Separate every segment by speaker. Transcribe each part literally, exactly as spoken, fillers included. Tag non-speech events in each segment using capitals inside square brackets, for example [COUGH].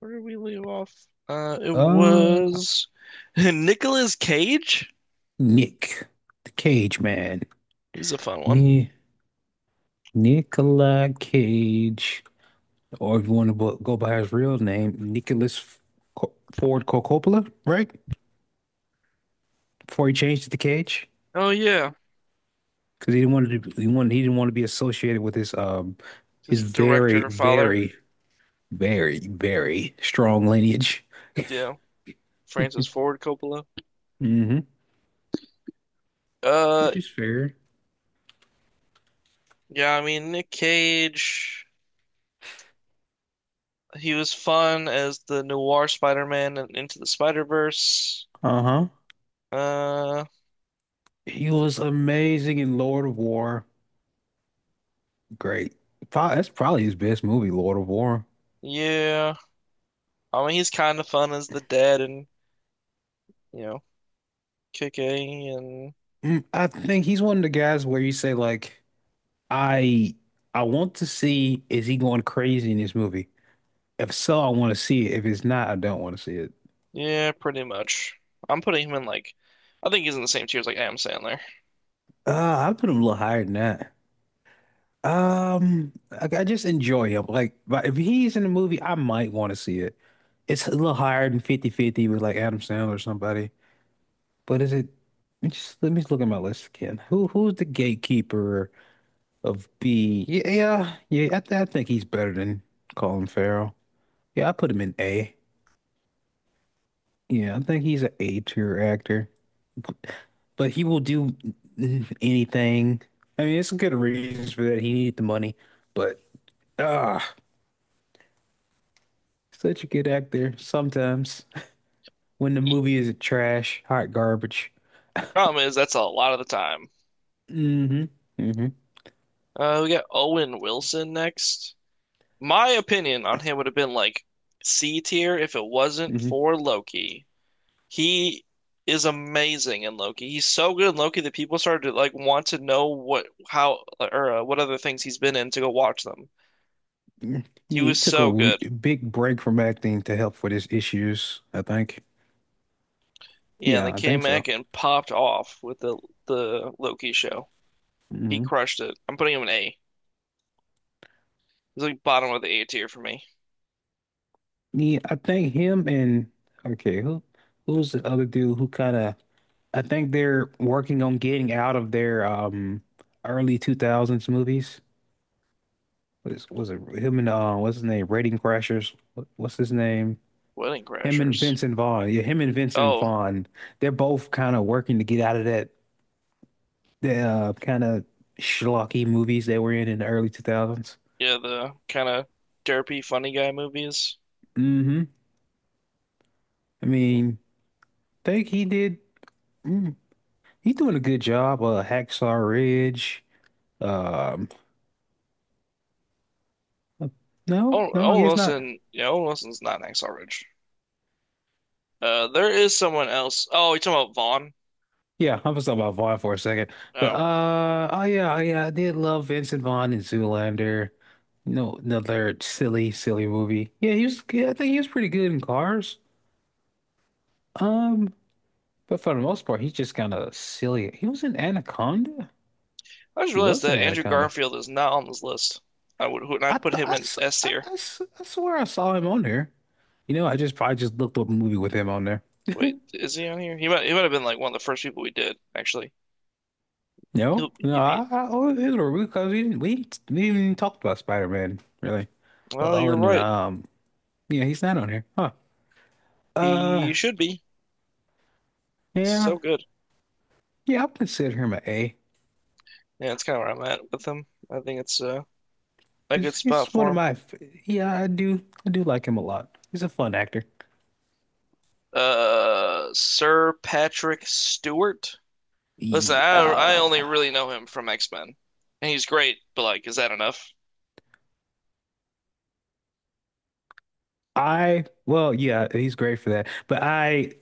Speaker 1: Where did we leave off? Uh, it
Speaker 2: Uh,
Speaker 1: was [LAUGHS] Nicolas Cage.
Speaker 2: Nick, the Cage Man,
Speaker 1: He's a fun one.
Speaker 2: Ni Nicolas Cage, or if you want to bo- go by his real name, Nicholas F- Co- Ford Co- Coppola, right? Before he changed it to Cage,
Speaker 1: Oh yeah,
Speaker 2: because he didn't want to, he wanted, he didn't want to be associated with his um, his
Speaker 1: just
Speaker 2: very,
Speaker 1: director, father.
Speaker 2: very, very, very strong lineage.
Speaker 1: Yeah, Francis Ford Coppola.
Speaker 2: hmm
Speaker 1: Uh,
Speaker 2: Which is fair.
Speaker 1: yeah. I mean, Nick Cage. He was fun as the noir Spider-Man and Into the Spider-Verse.
Speaker 2: Uh-huh.
Speaker 1: Uh,
Speaker 2: He was amazing in Lord of War. Great. Pro- That's probably his best movie, Lord of War.
Speaker 1: yeah. I mean, he's kind of fun as the dad and you know, Kick-A and
Speaker 2: Mm, I think he's one of the guys where you say like, I I want to see, is he going crazy in this movie? If so, I want to see it. If it's not, I don't want to see it.
Speaker 1: yeah, pretty much. I'm putting him in like. I think he's in the same tier as like Adam Sandler.
Speaker 2: Uh, I put him a little higher than that. Um, I, I just enjoy him. Like, but if he's in the movie, I might want to see it. It's a little higher than fifty fifty with like Adam Sandler or somebody. But is it? Let me just let me just look at my list again. Who who's the gatekeeper of B? Yeah, yeah, yeah. I, th I think he's better than Colin Farrell. Yeah, I put him in A. Yeah, I think he's an A tier actor, but he will do anything. I mean, it's good reasons for that. He needed the money, but ah, such a good actor sometimes when the movie is trash, hot garbage.
Speaker 1: Problem is, that's a lot of the time.
Speaker 2: Hmm, hmm,
Speaker 1: Uh, we got Owen Wilson next. My opinion on him would have been like C tier if it wasn't
Speaker 2: hmm.
Speaker 1: for Loki. He is amazing in Loki. He's so good in Loki that people started to like want to know what how or uh, what other things he's been in to go watch them.
Speaker 2: Yeah,
Speaker 1: He
Speaker 2: he
Speaker 1: was
Speaker 2: took a
Speaker 1: so
Speaker 2: w-
Speaker 1: good.
Speaker 2: big break from acting to help with his issues, I think.
Speaker 1: Yeah, and they
Speaker 2: Yeah, I
Speaker 1: came
Speaker 2: think so.
Speaker 1: back and popped off with the the Loki show. He
Speaker 2: Hmm.
Speaker 1: crushed it. I'm putting him an A. He's like bottom of the A tier for me.
Speaker 2: Yeah, I think him and, okay, who who's the other dude who kind of, I think they're working on getting out of their um early two thousands movies. Was was it him and uh what's his name? Rating Crashers. What- What's his name?
Speaker 1: Wedding
Speaker 2: Him and
Speaker 1: Crashers.
Speaker 2: Vincent Vaughn. Yeah, him and Vincent
Speaker 1: Oh,
Speaker 2: Vaughn. They're both kind of working to get out of that the uh, kind of schlocky movies they were in in the early two thousands.
Speaker 1: yeah, the kind of derpy funny guy movies.
Speaker 2: Mm-hmm. I mean, think he did, mm, he's doing a good job. Uh Hacksaw Ridge. Um no,
Speaker 1: Owen,
Speaker 2: no, I
Speaker 1: Owen
Speaker 2: guess not.
Speaker 1: Wilson, yeah, Owen Wilson's not an Hacksaw Ridge. Uh, there is someone else. Oh, you talking about Vaughn?
Speaker 2: Yeah, I was talking about Vaughn for a second, but
Speaker 1: Oh,
Speaker 2: uh, oh yeah, oh yeah, I did love Vincent Vaughn in Zoolander. You know, another silly, silly movie. Yeah, he was. Yeah, I think he was pretty good in Cars. Um, but for the most part, he's just kind of silly. He was in Anaconda.
Speaker 1: I just
Speaker 2: He
Speaker 1: realized
Speaker 2: was in
Speaker 1: that Andrew
Speaker 2: Anaconda.
Speaker 1: Garfield is not on this list. I would, would
Speaker 2: I,
Speaker 1: not put
Speaker 2: th
Speaker 1: him
Speaker 2: I,
Speaker 1: in
Speaker 2: s-
Speaker 1: S
Speaker 2: I,
Speaker 1: tier.
Speaker 2: I s- I swear I saw him on there. You know, I just probably just looked up a movie with him on there.
Speaker 1: Wait, is he on here? He might, he might have been like one of the first people we did, actually. He'll,
Speaker 2: No, no,
Speaker 1: he'd be.
Speaker 2: I, I oh, it was because we didn't we, didn't- we didn't even talk about Spider-Man really. Well,
Speaker 1: Oh, you're
Speaker 2: other than
Speaker 1: right.
Speaker 2: um, yeah, he's not on here. Huh. Uh,
Speaker 1: He should be.
Speaker 2: yeah,
Speaker 1: So good.
Speaker 2: yeah. I'll consider him an A.
Speaker 1: Yeah, that's kind of where I'm at with him. I think it's uh, a good
Speaker 2: He's he's
Speaker 1: spot
Speaker 2: one
Speaker 1: for
Speaker 2: of
Speaker 1: him.
Speaker 2: my. f- Yeah, I do I do like him a lot. He's a fun actor.
Speaker 1: Uh, Sir Patrick Stewart. Listen, I I only
Speaker 2: Yeah.
Speaker 1: really know him from X-Men, and he's great, but like, is that enough?
Speaker 2: I Well, yeah, he's great for that. But I,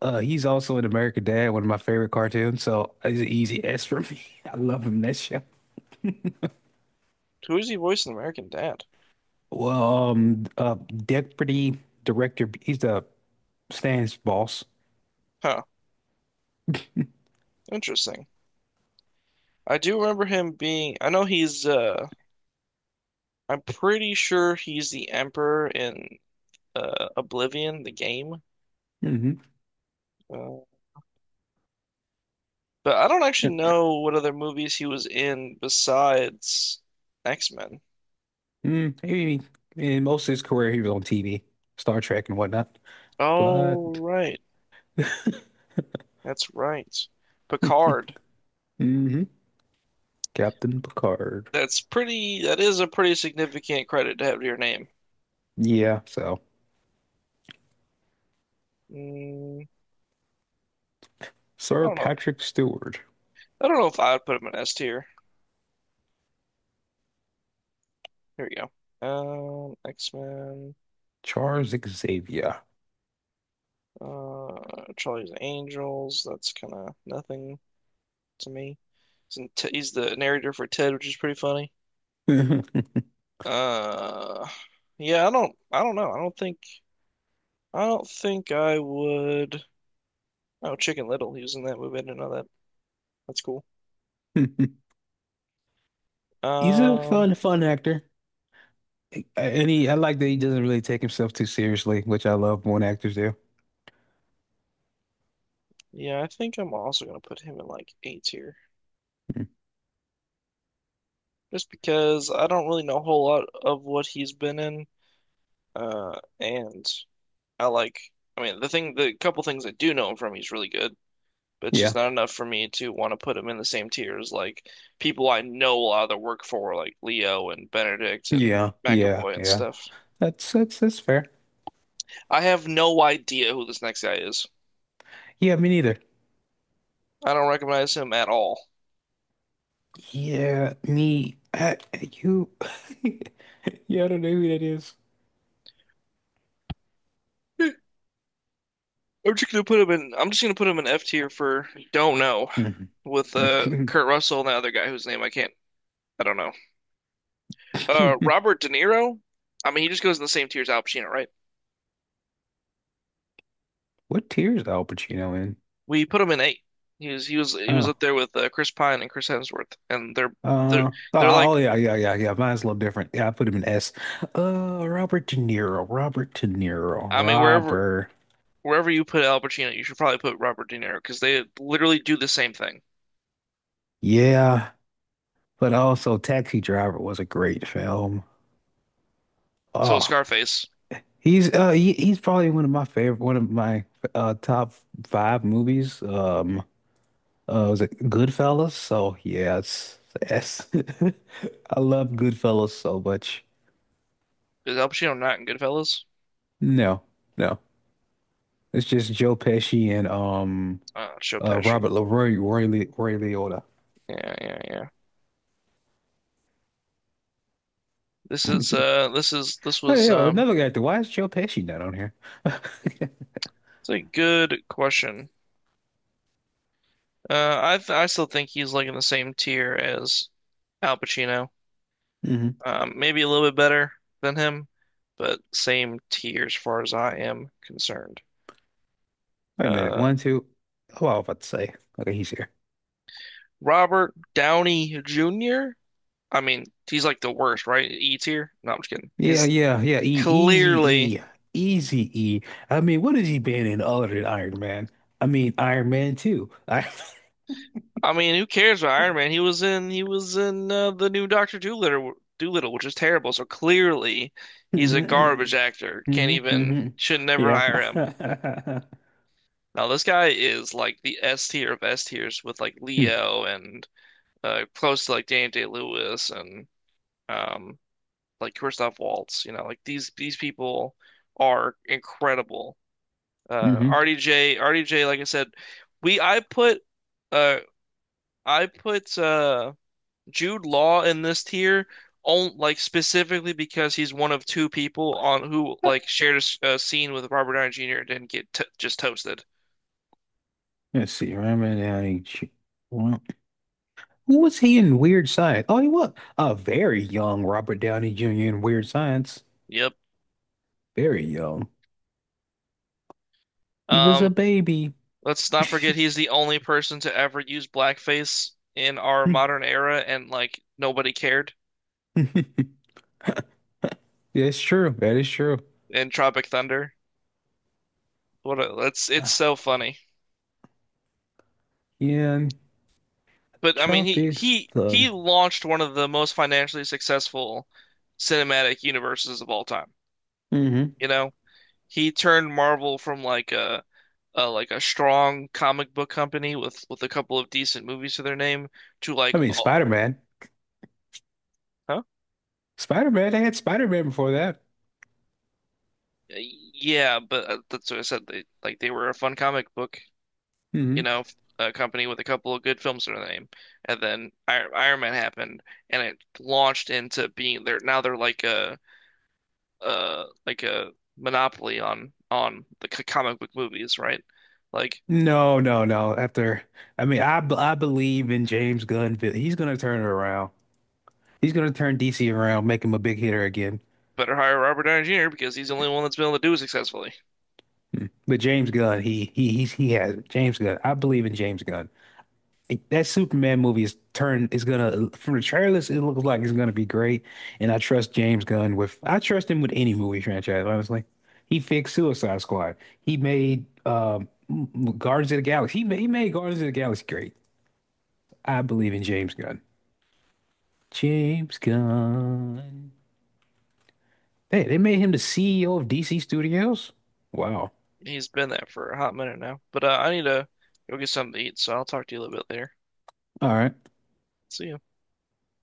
Speaker 2: uh, he's also in American Dad, one of my favorite cartoons. So it's an easy S for me. [LAUGHS] I love him in that show.
Speaker 1: Who is he voicing American Dad?
Speaker 2: Well, um, uh, Deputy Director. He's the Stan's boss.
Speaker 1: Huh, interesting. I do remember him being. I know he's. Uh, I'm pretty sure he's the Emperor in uh, Oblivion, the game.
Speaker 2: [LAUGHS] hmm
Speaker 1: Uh, but I don't actually know what other movies he was in besides X-Men.
Speaker 2: Mm, maybe in most of his career, he was on T V, Star Trek and whatnot.
Speaker 1: Oh,
Speaker 2: But,
Speaker 1: right, that's right. Picard.
Speaker 2: mhm, Captain Picard.
Speaker 1: That's pretty. That is a pretty significant credit to have to your name.
Speaker 2: Yeah, so
Speaker 1: Mm, I
Speaker 2: Sir
Speaker 1: don't know
Speaker 2: Patrick Stewart,
Speaker 1: I don't know if I would put him in S tier. Here we go. Um, X-Men,
Speaker 2: Charles Xavier.
Speaker 1: uh, Charlie's Angels. That's kind of nothing to me. He's, in T he's the narrator for Ted, which is pretty funny.
Speaker 2: [LAUGHS]
Speaker 1: Uh, yeah, I don't, I don't know. I don't think, I don't think I would. Oh, Chicken Little. He was in that movie. I didn't know that. That's cool.
Speaker 2: He's a
Speaker 1: Um,
Speaker 2: fun, fun actor. And he, I like that he doesn't really take himself too seriously, which I love when actors do.
Speaker 1: yeah, I think I'm also gonna put him in like A tier,
Speaker 2: Mm,
Speaker 1: just because I don't really know a whole lot of what he's been in. Uh, and I like. I mean, the thing, the couple things I do know him from, he's really good, but it's
Speaker 2: yeah,
Speaker 1: just not enough for me to want to put him in the same tier as like people I know a lot of their work for, like Leo and Benedict and
Speaker 2: yeah, yeah,
Speaker 1: McAvoy and
Speaker 2: yeah.
Speaker 1: stuff.
Speaker 2: That's that's that's fair.
Speaker 1: I have no idea who this next guy is.
Speaker 2: Yeah, me neither.
Speaker 1: I don't recognize him at all.
Speaker 2: Yeah, me. I, you. [LAUGHS] Yeah, I don't know who that is.
Speaker 1: I'm just gonna put him in. I'm just gonna put him in F tier for don't know with uh
Speaker 2: Mm-hmm. [LAUGHS]
Speaker 1: Kurt Russell and the other guy whose name I can't. I don't know. Uh, Robert De Niro. I mean, he just goes in the same tier as Al Pacino, right?
Speaker 2: What tier is Al Pacino in?
Speaker 1: We put him in eight. He was he was he was
Speaker 2: Oh,
Speaker 1: up there with uh, Chris Pine and Chris Hemsworth, and they're they're
Speaker 2: uh, oh,
Speaker 1: they're like
Speaker 2: oh, yeah, yeah, yeah, yeah. Mine's a little different. Yeah, I put him in S. Uh, Robert De Niro, Robert De Niro,
Speaker 1: I mean wherever
Speaker 2: Robert.
Speaker 1: wherever you put Al Pacino, you should probably put Robert De Niro because they literally do the same thing.
Speaker 2: Yeah, but also Taxi Driver was a great film.
Speaker 1: So with
Speaker 2: Oh,
Speaker 1: Scarface,
Speaker 2: he's uh, he, he's probably one of my favorite, one of my uh top five movies. Um, uh, was it Goodfellas? So yeah, it's S. [LAUGHS] I love Goodfellas so much.
Speaker 1: is Al Pacino not in Goodfellas?
Speaker 2: No, no. It's just Joe Pesci and um
Speaker 1: Uh, Joe
Speaker 2: uh
Speaker 1: Pesci.
Speaker 2: Robert LaRoy Roy Le, Roy Liotta.
Speaker 1: Yeah, yeah, yeah. This is uh this is this
Speaker 2: Hey,
Speaker 1: was
Speaker 2: yo,
Speaker 1: um
Speaker 2: another guy. Why is Joe Pesci not on here? [LAUGHS]
Speaker 1: it's a good question. Uh, I th I still think he's like in the same tier as Al Pacino.
Speaker 2: hmm
Speaker 1: Um, maybe a little bit better than him, but same tier as far as I am concerned.
Speaker 2: Wait a minute.
Speaker 1: Uh,
Speaker 2: One, two. Oh, I was about to say. Okay, he's here.
Speaker 1: Robert Downey Junior I mean, he's like the worst, right? E tier? No, I'm just kidding.
Speaker 2: Yeah,
Speaker 1: He's
Speaker 2: yeah, yeah. E easy
Speaker 1: clearly.
Speaker 2: E. Easy E. I mean, what has he been in other than Iron Man? I mean, Iron Man two. I
Speaker 1: I mean, who cares about Iron Man? He was in. He was in uh, the new Doctor Doolittle, Doolittle, which is terrible. So clearly,
Speaker 2: [LAUGHS]
Speaker 1: he's a
Speaker 2: Hmm,
Speaker 1: garbage actor. Can't
Speaker 2: hmm,
Speaker 1: even.
Speaker 2: hmm.
Speaker 1: Should never
Speaker 2: Yeah.
Speaker 1: hire him.
Speaker 2: [LAUGHS]
Speaker 1: Now this guy is like the S tier of S tiers with like
Speaker 2: Hmm.
Speaker 1: Leo and uh, close to like Daniel Day-Lewis and um, like Christoph Waltz. You know, like these these people are incredible. Uh,
Speaker 2: Mm-hmm.
Speaker 1: R D J, like I said, we I put uh I put uh Jude Law in this tier on like specifically because he's one of two people on who like shared a a scene with Robert Downey Junior and didn't get t just toasted.
Speaker 2: Let's see. Iron Man. Who was he in Weird Science? Oh, he was a very young Robert Downey Junior in Weird Science.
Speaker 1: Yep.
Speaker 2: Very young. He was a
Speaker 1: Um,
Speaker 2: baby.
Speaker 1: let's not forget
Speaker 2: [LAUGHS]
Speaker 1: he's the only person to ever use blackface in our modern era, and like nobody cared
Speaker 2: That's true. That is true.
Speaker 1: in Tropic Thunder. What a, that's
Speaker 2: Uh,
Speaker 1: it's so funny.
Speaker 2: Yeah, and
Speaker 1: But I mean,
Speaker 2: Trump
Speaker 1: he
Speaker 2: is
Speaker 1: he
Speaker 2: the.
Speaker 1: he launched one of the most financially successful cinematic universes of all time.
Speaker 2: hmm
Speaker 1: You know, he turned Marvel from like a, a like a strong comic book company with with a couple of decent movies to their name to
Speaker 2: I
Speaker 1: like,
Speaker 2: mean,
Speaker 1: oh,
Speaker 2: Spider-Man.
Speaker 1: huh?
Speaker 2: Spider-Man. They had Spider-Man before that.
Speaker 1: Yeah, but uh, that's what I said. They like they were a fun comic book you
Speaker 2: Hmm.
Speaker 1: know, a company with a couple of good films to their name. And then I Iron Man happened, and it launched into being they're now they're like a uh like a monopoly on on the c- comic book movies, right? Like
Speaker 2: No, no, no. After, I mean, I b- I believe in James Gunn. He's gonna turn it around. He's gonna turn D C around, make him a big hitter again.
Speaker 1: better hire Robert Downey Junior because he's the only one that's been able to do it successfully.
Speaker 2: But James Gunn, he he he's, he has it. James Gunn. I believe in James Gunn. It- That Superman movie is turned is gonna from the trailers, it looks like it's gonna be great. And I trust James Gunn with, I trust him with any movie franchise, honestly. He fixed Suicide Squad. He made um Guardians of the Galaxy. He made, he made Guardians of the Galaxy great. I believe in James Gunn. James Gunn. Hey, they made him the C E O of D C Studios. Wow.
Speaker 1: He's been there for a hot minute now. But uh, I need to go get something to eat, so I'll talk to you a little bit later.
Speaker 2: All right.
Speaker 1: See ya.